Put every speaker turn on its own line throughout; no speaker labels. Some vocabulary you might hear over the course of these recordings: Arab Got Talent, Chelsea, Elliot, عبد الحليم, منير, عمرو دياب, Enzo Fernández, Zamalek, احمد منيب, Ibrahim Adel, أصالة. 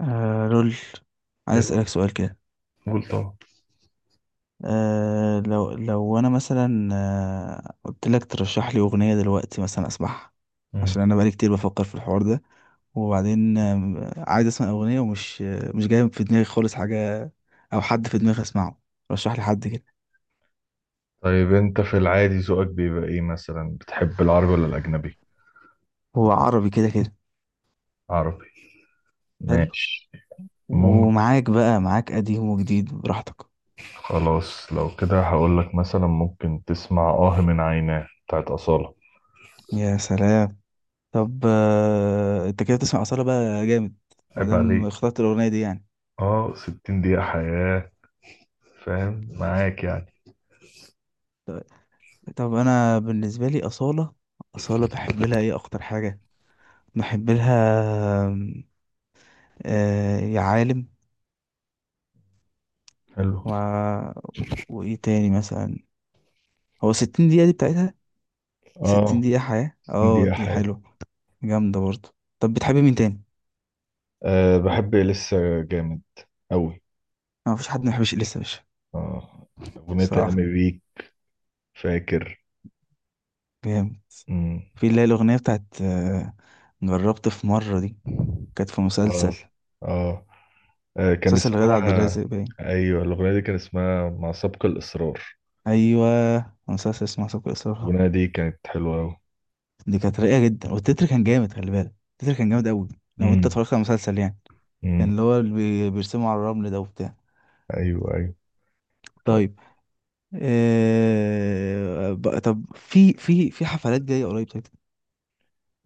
رول، عايز
حلو.
أسألك سؤال كده.
قول طبعا.
لو أنا مثلا قلت لك ترشح لي أغنية دلوقتي مثلا أسمعها،
مم.
عشان أنا بقالي كتير بفكر في الحوار ده. وبعدين عايز أسمع أغنية ومش مش جاي في دماغي خالص حاجة أو حد في دماغي أسمعه. رشح لي حد كده.
طيب انت في العادي ذوقك بيبقى ايه مثلا، بتحب العربي ولا الاجنبي؟
هو عربي كده كده.
عربي.
حلو.
ماشي. ممكن.
ومعاك بقى، معاك قديم وجديد براحتك.
خلاص لو كده هقول لك مثلا ممكن تسمع من عيناه بتاعت أصالة.
يا سلام. طب أنت كده بتسمع أصالة بقى جامد،
عيب
مادام
عليك.
اخترت الأغنية دي يعني.
اه، 60 دقيقة حياة. فاهم، معاك يعني.
طب انا بالنسبه لي اصاله، اصاله بحب لها ايه اكتر حاجه؟ بحب لها آم، يا عالم.
حلو.
و... وايه تاني مثلا؟ هو 60 دقيقه دي بتاعتها. 60
اه،
دقيقه حياه،
60
اه
دقيقة
دي
حياة.
حلوه، جامده برضه. طب بتحبي مين تاني؟
أه، بحب لسه. جامد أوي.
ما فيش حد ما بيحبش اليسا يا باشا.
اه، أغنية
صراحه
أيامي بيك. فاكر.
جامد.
مم.
في اللي هي الاغنيه بتاعت جربت في مره دي، كانت في مسلسل،
اه. اه. كان
مسلسل غادة عبد
اسمها...
الرازق باين.
ايوه الاغنيه دي كان اسمها مع سبق الاصرار.
ايوه، مسلسل اسمه سوق الاصرار.
الاغنيه دي كانت حلوه قوي.
دي كانت رايقه جدا، والتتر كان جامد، خلي بالك، التتر كان جامد قوي لو انت
امم.
اتفرجت على المسلسل يعني. كان
امم.
اللي هو بيرسموا على الرمل ده وبتاع.
ايوه ايوه. طيب.
طيب. طب في حفلات جايه قريب؟ طيب.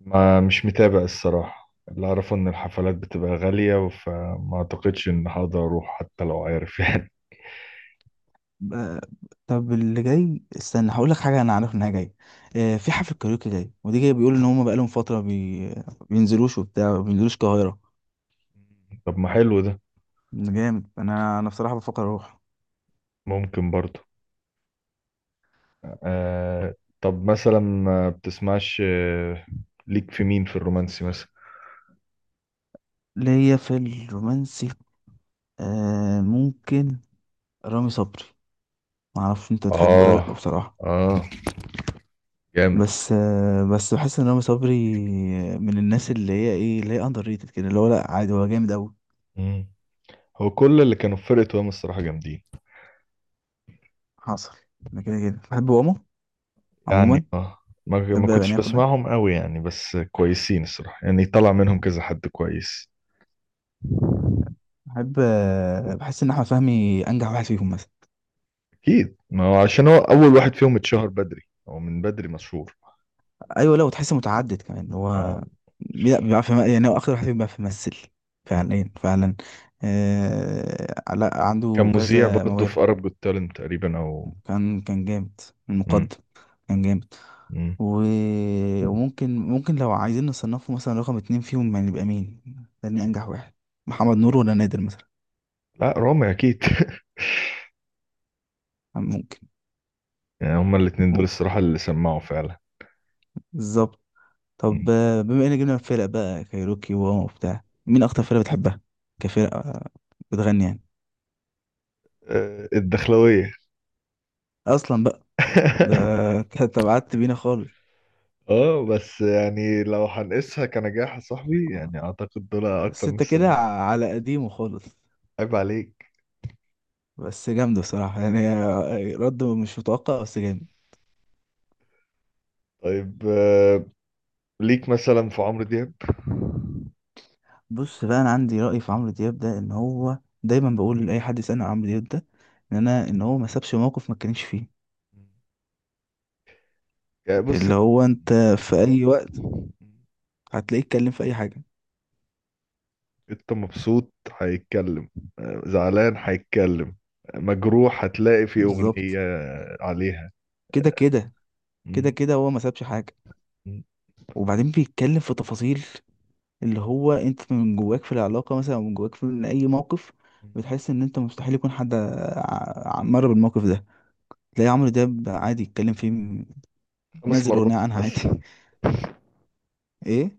ما مش متابع الصراحه، اللي اعرفه ان الحفلات بتبقى غاليه، فما اعتقدش ان هقدر اروح حتى لو عارف يعني.
بقى- طب اللي جاي استنى هقول لك حاجه انا عارف انها جايه. في حفله كاريوكي جاي، ودي جايه بيقولوا ان هم بقالهم فتره بينزلوش، وبتاع ما بينزلوش القاهره.
طب ما حلو ده.
جامد، انا بصراحه بفكر اروح.
ممكن برضه. آه. طب مثلا ما بتسمعش، ليك في مين في الرومانسي مثلا؟
ليا في الرومانسي ممكن رامي صبري، ما اعرفش انت تحبه ولا لا
اه.
بصراحه.
اه. جامد.
بس بس بحس ان رامي صبري من الناس اللي هي ايه، اللي هي اندر ريتد كده، اللي هو لا عادي هو جامد قوي.
مم. هو كل اللي كانوا في فرقة وهم الصراحة جامدين.
حصل. انا كده كده بحب ماما عموما،
يعني اه، ما ما
بحب
كنتش
اغانيه كلها.
بسمعهم قوي يعني بس كويسين الصراحة، يعني طلع منهم كذا حد كويس.
بحب بحس ان احمد فهمي انجح واحد فيهم مثلا.
اكيد، ما هو عشان هو اول واحد فيهم اتشهر بدري. هو من بدري مشهور.
ايوه، لا وتحس متعدد كمان
آه.
هو. لا بيعرف يعني هو اكتر واحد فيهم بيعرف يمثل
مم.
فعليا فعلا. آه لا
كان
عنده
مذيع
كذا
برضه في
موهبه.
Arab Got Talent تقريبا، او...
كان كان جامد
مم.
المقدم، كان جامد.
مم.
و... وممكن، لو عايزين نصنفه مثلا رقم اتنين فيهم يعني يبقى مين؟ تاني أنجح واحد؟ محمد نور ولا نادر مثلا؟
لا رامي اكيد.
ممكن.
يعني هما الاتنين دول
ممكن.
الصراحة اللي سمعوا فعلا.
بالظبط.
مم.
طب بما إن جبنا الفرق بقى كايروكي وواما وبتاع، مين أكتر فرقة بتحبها كفرقة بتغني يعني؟
الدخلوية.
أصلا بقى ده. كانت بعدت بينا خالص.
اه بس يعني لو هنقيسها كنجاح يا صاحبي، يعني اعتقد دول اكتر ناس
الستة كده
سمعت.
على قديمه خالص،
عيب عليك.
بس جامدة بصراحة يعني. رد مش متوقع بس جامد.
طيب، ليك مثلا في عمرو دياب؟
بص بقى، انا عندي رأي في عمرو دياب ده، ان هو دايما بقول لاي حد يسألني عن عمرو دياب ده، ان انا ان هو ما سابش موقف ما اتكلمش فيه.
يعني بص.
اللي هو انت في اي وقت هتلاقيه اتكلم في اي حاجة.
انت مبسوط هيتكلم، زعلان هيتكلم، مجروح هتلاقي في أغنية
بالظبط.
عليها.
كده كده. كده
مم.
كده هو ما سابش حاجة.
مم.
وبعدين بيتكلم في تفاصيل، اللي هو انت من جواك في العلاقة مثلا او من جواك في من اي موقف، بتحس ان انت مستحيل يكون حد مر بالموقف ده، تلاقي عمرو دياب عادي يتكلم فيه.
خمس
نزل
مرات
اغنية عنها عادي.
مثلا.
ايه.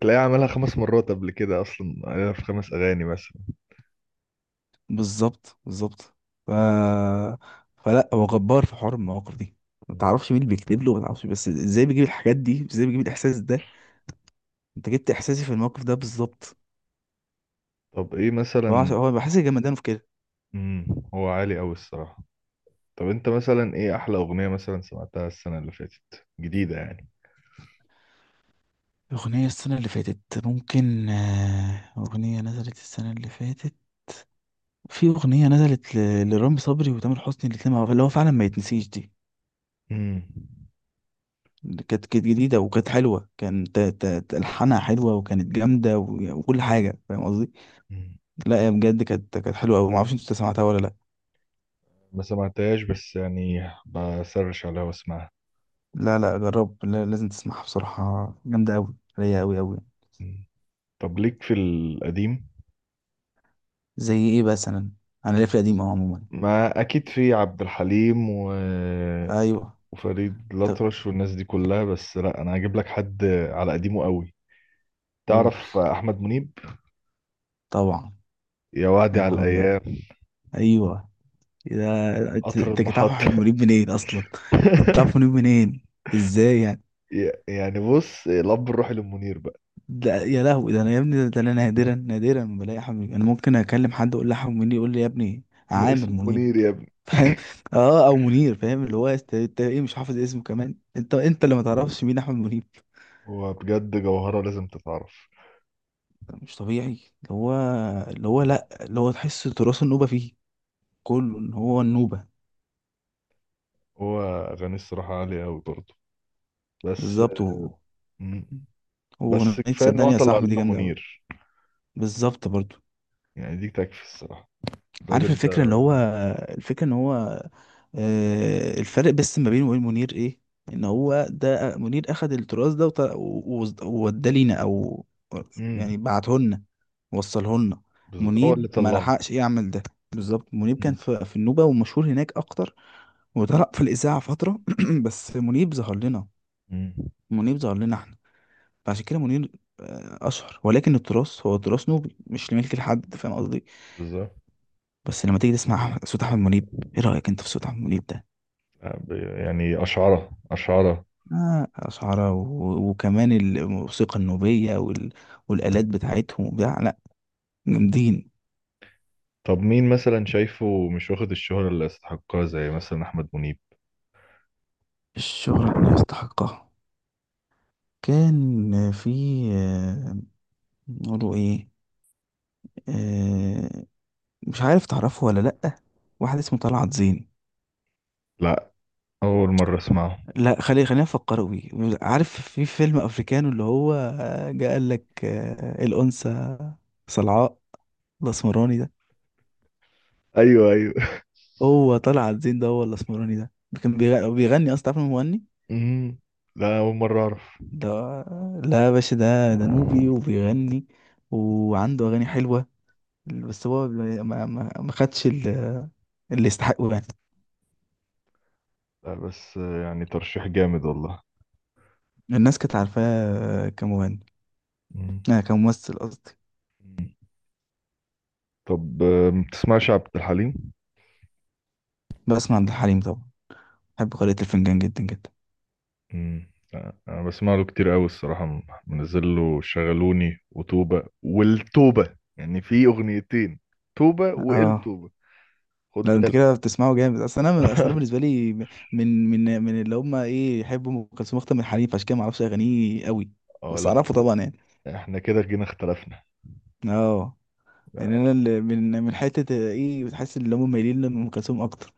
تلاقيه عملها خمس مرات قبل كده، أصلا عليها في خمس أغاني مثلا.
بالظبط بالظبط. ف... فلا هو جبار في حوار المواقف دي. ما
مم.
تعرفش مين اللي بيكتب له، ما تعرفش، بس ازاي بيجيب الحاجات دي، ازاي بيجيب الاحساس ده. انت جبت احساسي في الموقف ده بالظبط.
طب إيه
فهو
مثلا؟
هو بحس جمدانه في كده.
مم. هو عالي أوي الصراحة. طب أنت مثلا إيه أحلى أغنية مثلا سمعتها السنة اللي فاتت جديدة يعني؟
أغنية السنة اللي فاتت؟ ممكن أغنية نزلت السنة اللي فاتت، في أغنية نزلت لرامي صبري وتامر حسني الاتنين مع بعض، اللي هو فعلا ما يتنسيش دي. اللي كانت جديدة وكانت حلوة، كانت ألحانها حلوة، وكانت جامدة وكل حاجة، فاهم قصدي.
مم.
لا يا بجد، كانت حلوه قوي، ما اعرفش انت سمعتها ولا لا.
ما سمعتهاش بس يعني بسرش عليها واسمعها.
لا لا جرب، لا لازم تسمعها بصراحه، جامده قوي، رايقه قوي قوي.
مم. طب ليك في القديم؟
زي ايه مثلا؟ انا ليا في القديم اهو عموما.
ما اكيد في عبد الحليم و...
ايوه.
وفريد
طب،
الأطرش والناس دي كلها، بس لا انا هجيب لك حد على قديمه قوي.
قول
تعرف احمد منيب؟
طبعا.
يا
يا
وعدي على
نهار ابيض.
الايام.
ايوه. إيه ده، انت
قطر
أنت كنت عارف احمد
المحطة.
منيب منين اصلا؟ انت عارف منيب منين؟ ازاي يعني؟
يعني بص، الاب الروحي للمنير بقى.
ده يا لهوي، ده انا يا ابني، ده انا نادرا، نادرا ما بلاقي احمد منيب. انا ممكن اكلم حد اقول له احمد منيب يقول لي يا ابني عامر
اسمه
منيب.
منير يا ابني.
فاهم. اه، او منير، فاهم، اللي هو انت ايه، مش حافظ اسمه كمان، انت انت اللي ما تعرفش مين احمد منيب.
هو بجد جوهرة لازم تتعرف.
مش طبيعي. اللي هو، اللي هو، لا اللي هو تحس تراث النوبه فيه كله، ان هو النوبه.
هو أغانيه الصراحة عالية أوي برضه، بس
بالظبط. هو، هو
بس
اغنيه
كفايه ان هو
صدقني يا
طلع
صاحبي دي
لنا
جامده قوي.
منير.
بالظبط برضو.
يعني دي تكفي الصراحه،
عارف
الراجل
الفكرة اللي
ده.
هو، الفكرة ان هو الفرق بس ما بينه وبين منير ايه؟ ان هو ده منير اخد التراث ده و ووداه لينا، او
امم.
يعني بعته لنا، وصله لنا.
هو
منيب
اللي
ما
طلعه.
لحقش يعمل ده. بالظبط. منيب كان
امم.
في النوبة ومشهور هناك اكتر، وطلع في الإذاعة فترة. بس منيب ظهر لنا،
أمم،
منيب ظهر لنا احنا. فعشان كده منير أشهر، ولكن التراث هو تراث نوبي مش لملك لحد، فاهم قصدي.
بالظبط.
بس لما تيجي تسمع صوت احمد منيب، ايه رايك انت في صوت احمد منيب ده؟
آه، ب- يعني اشعره اشعره.
آه أشعرة، وكمان الموسيقى النوبية والآلات بتاعتهم وبتاع. لا جامدين.
طب مين مثلا شايفه مش واخد الشهرة اللي يستحقها زي مثلا احمد منيب؟
الشغل اللي يستحقها. كان في آه، نقوله ايه؟ آه، مش عارف تعرفه ولا لأ، واحد اسمه طلعت زين.
لا، اول مره اسمعه.
لا خلي، خلينا نفكر بيه. عارف في فيلم أفريكانو اللي هو جه قال لك الأنثى صلعاء الأسمراني ده؟
ايوه ايوه.
هو طلع عابدين ده، هو الاسمراني ده، ده كان بيغني اصلا، تعرف إن هو مغني
امم. لا، اول مره اعرف.
ده؟ لا يا باشا، ده ده نوبي وبيغني، وعنده اغاني حلوه، بس هو ما خدش اللي يستحقه يعني.
لا بس، يعني ترشيح جامد والله.
الناس كانت عارفاه كمغني،
امم.
آه كممثل قصدي.
طب، ما بتسمعش عبد الحليم؟
بسمع عبد الحليم طبعا، بحب قارئة الفنجان جدا جدا.
مم. انا بسمع له كتير قوي الصراحه، منزل له شغلوني وتوبه والتوبه يعني، في اغنيتين: توبه
اه
والتوبه. خد
لا انت
بالك.
كده بتسمعه جامد. اصل انا، اصل انا بالنسبه لي من، من اللي هم ايه، يحبوا ام كلثوم اكتر من حليم، فعشان كده ما اعرفش اغانيه قوي،
اه
بس
لا،
اعرفه طبعا يعني.
احنا كده جينا اختلفنا.
اه. يعني
لا،
انا اللي من، من حته ايه، بتحس ان هم مايلين لام كلثوم اكتر.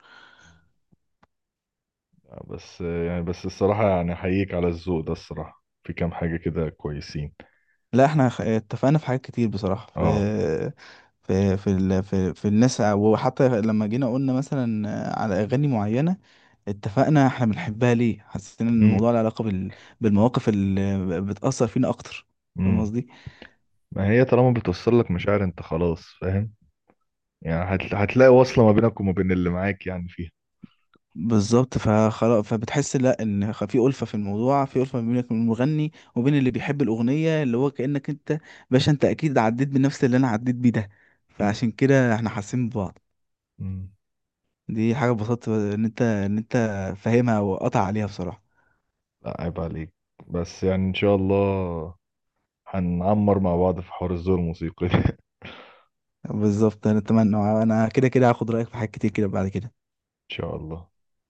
بس يعني، بس الصراحه يعني احييك على الذوق ده الصراحه، في كام حاجه كده كويسين.
لا احنا اتفقنا في حاجات كتير بصراحه، في
اه.
في الناس وحتى لما جينا قلنا مثلا على اغاني معينه اتفقنا احنا بنحبها ليه، حسينا ان
امم.
الموضوع له علاقه بالمواقف اللي بتاثر فينا اكتر، فاهم
امم.
قصدي.
ما هي طالما بتوصل لك مشاعر انت خلاص فاهم. يعني هتلاقي وصله ما بينك وما بين اللي معاك يعني فيها.
بالظبط. فخلاص، فبتحس لا ان في الفه في الموضوع، في الفه ما بينك وبين المغني وبين اللي بيحب الاغنيه، اللي هو كانك انت باشا، انت اكيد عديت بنفس اللي انا عديت بيه ده،
امم.
فعشان كده احنا حاسين ببعض.
امم.
دي حاجه اتبسطت ان انت، ان انت فاهمها وقطع عليها بصراحه.
لا عيب عليك. بس يعني ان شاء الله هنعمر مع بعض في حوار الذوق الموسيقي ده.
بالظبط، انا اتمنى. انا كده كده هاخد رايك في حاجات كتير كده بعد كده.
ان شاء الله.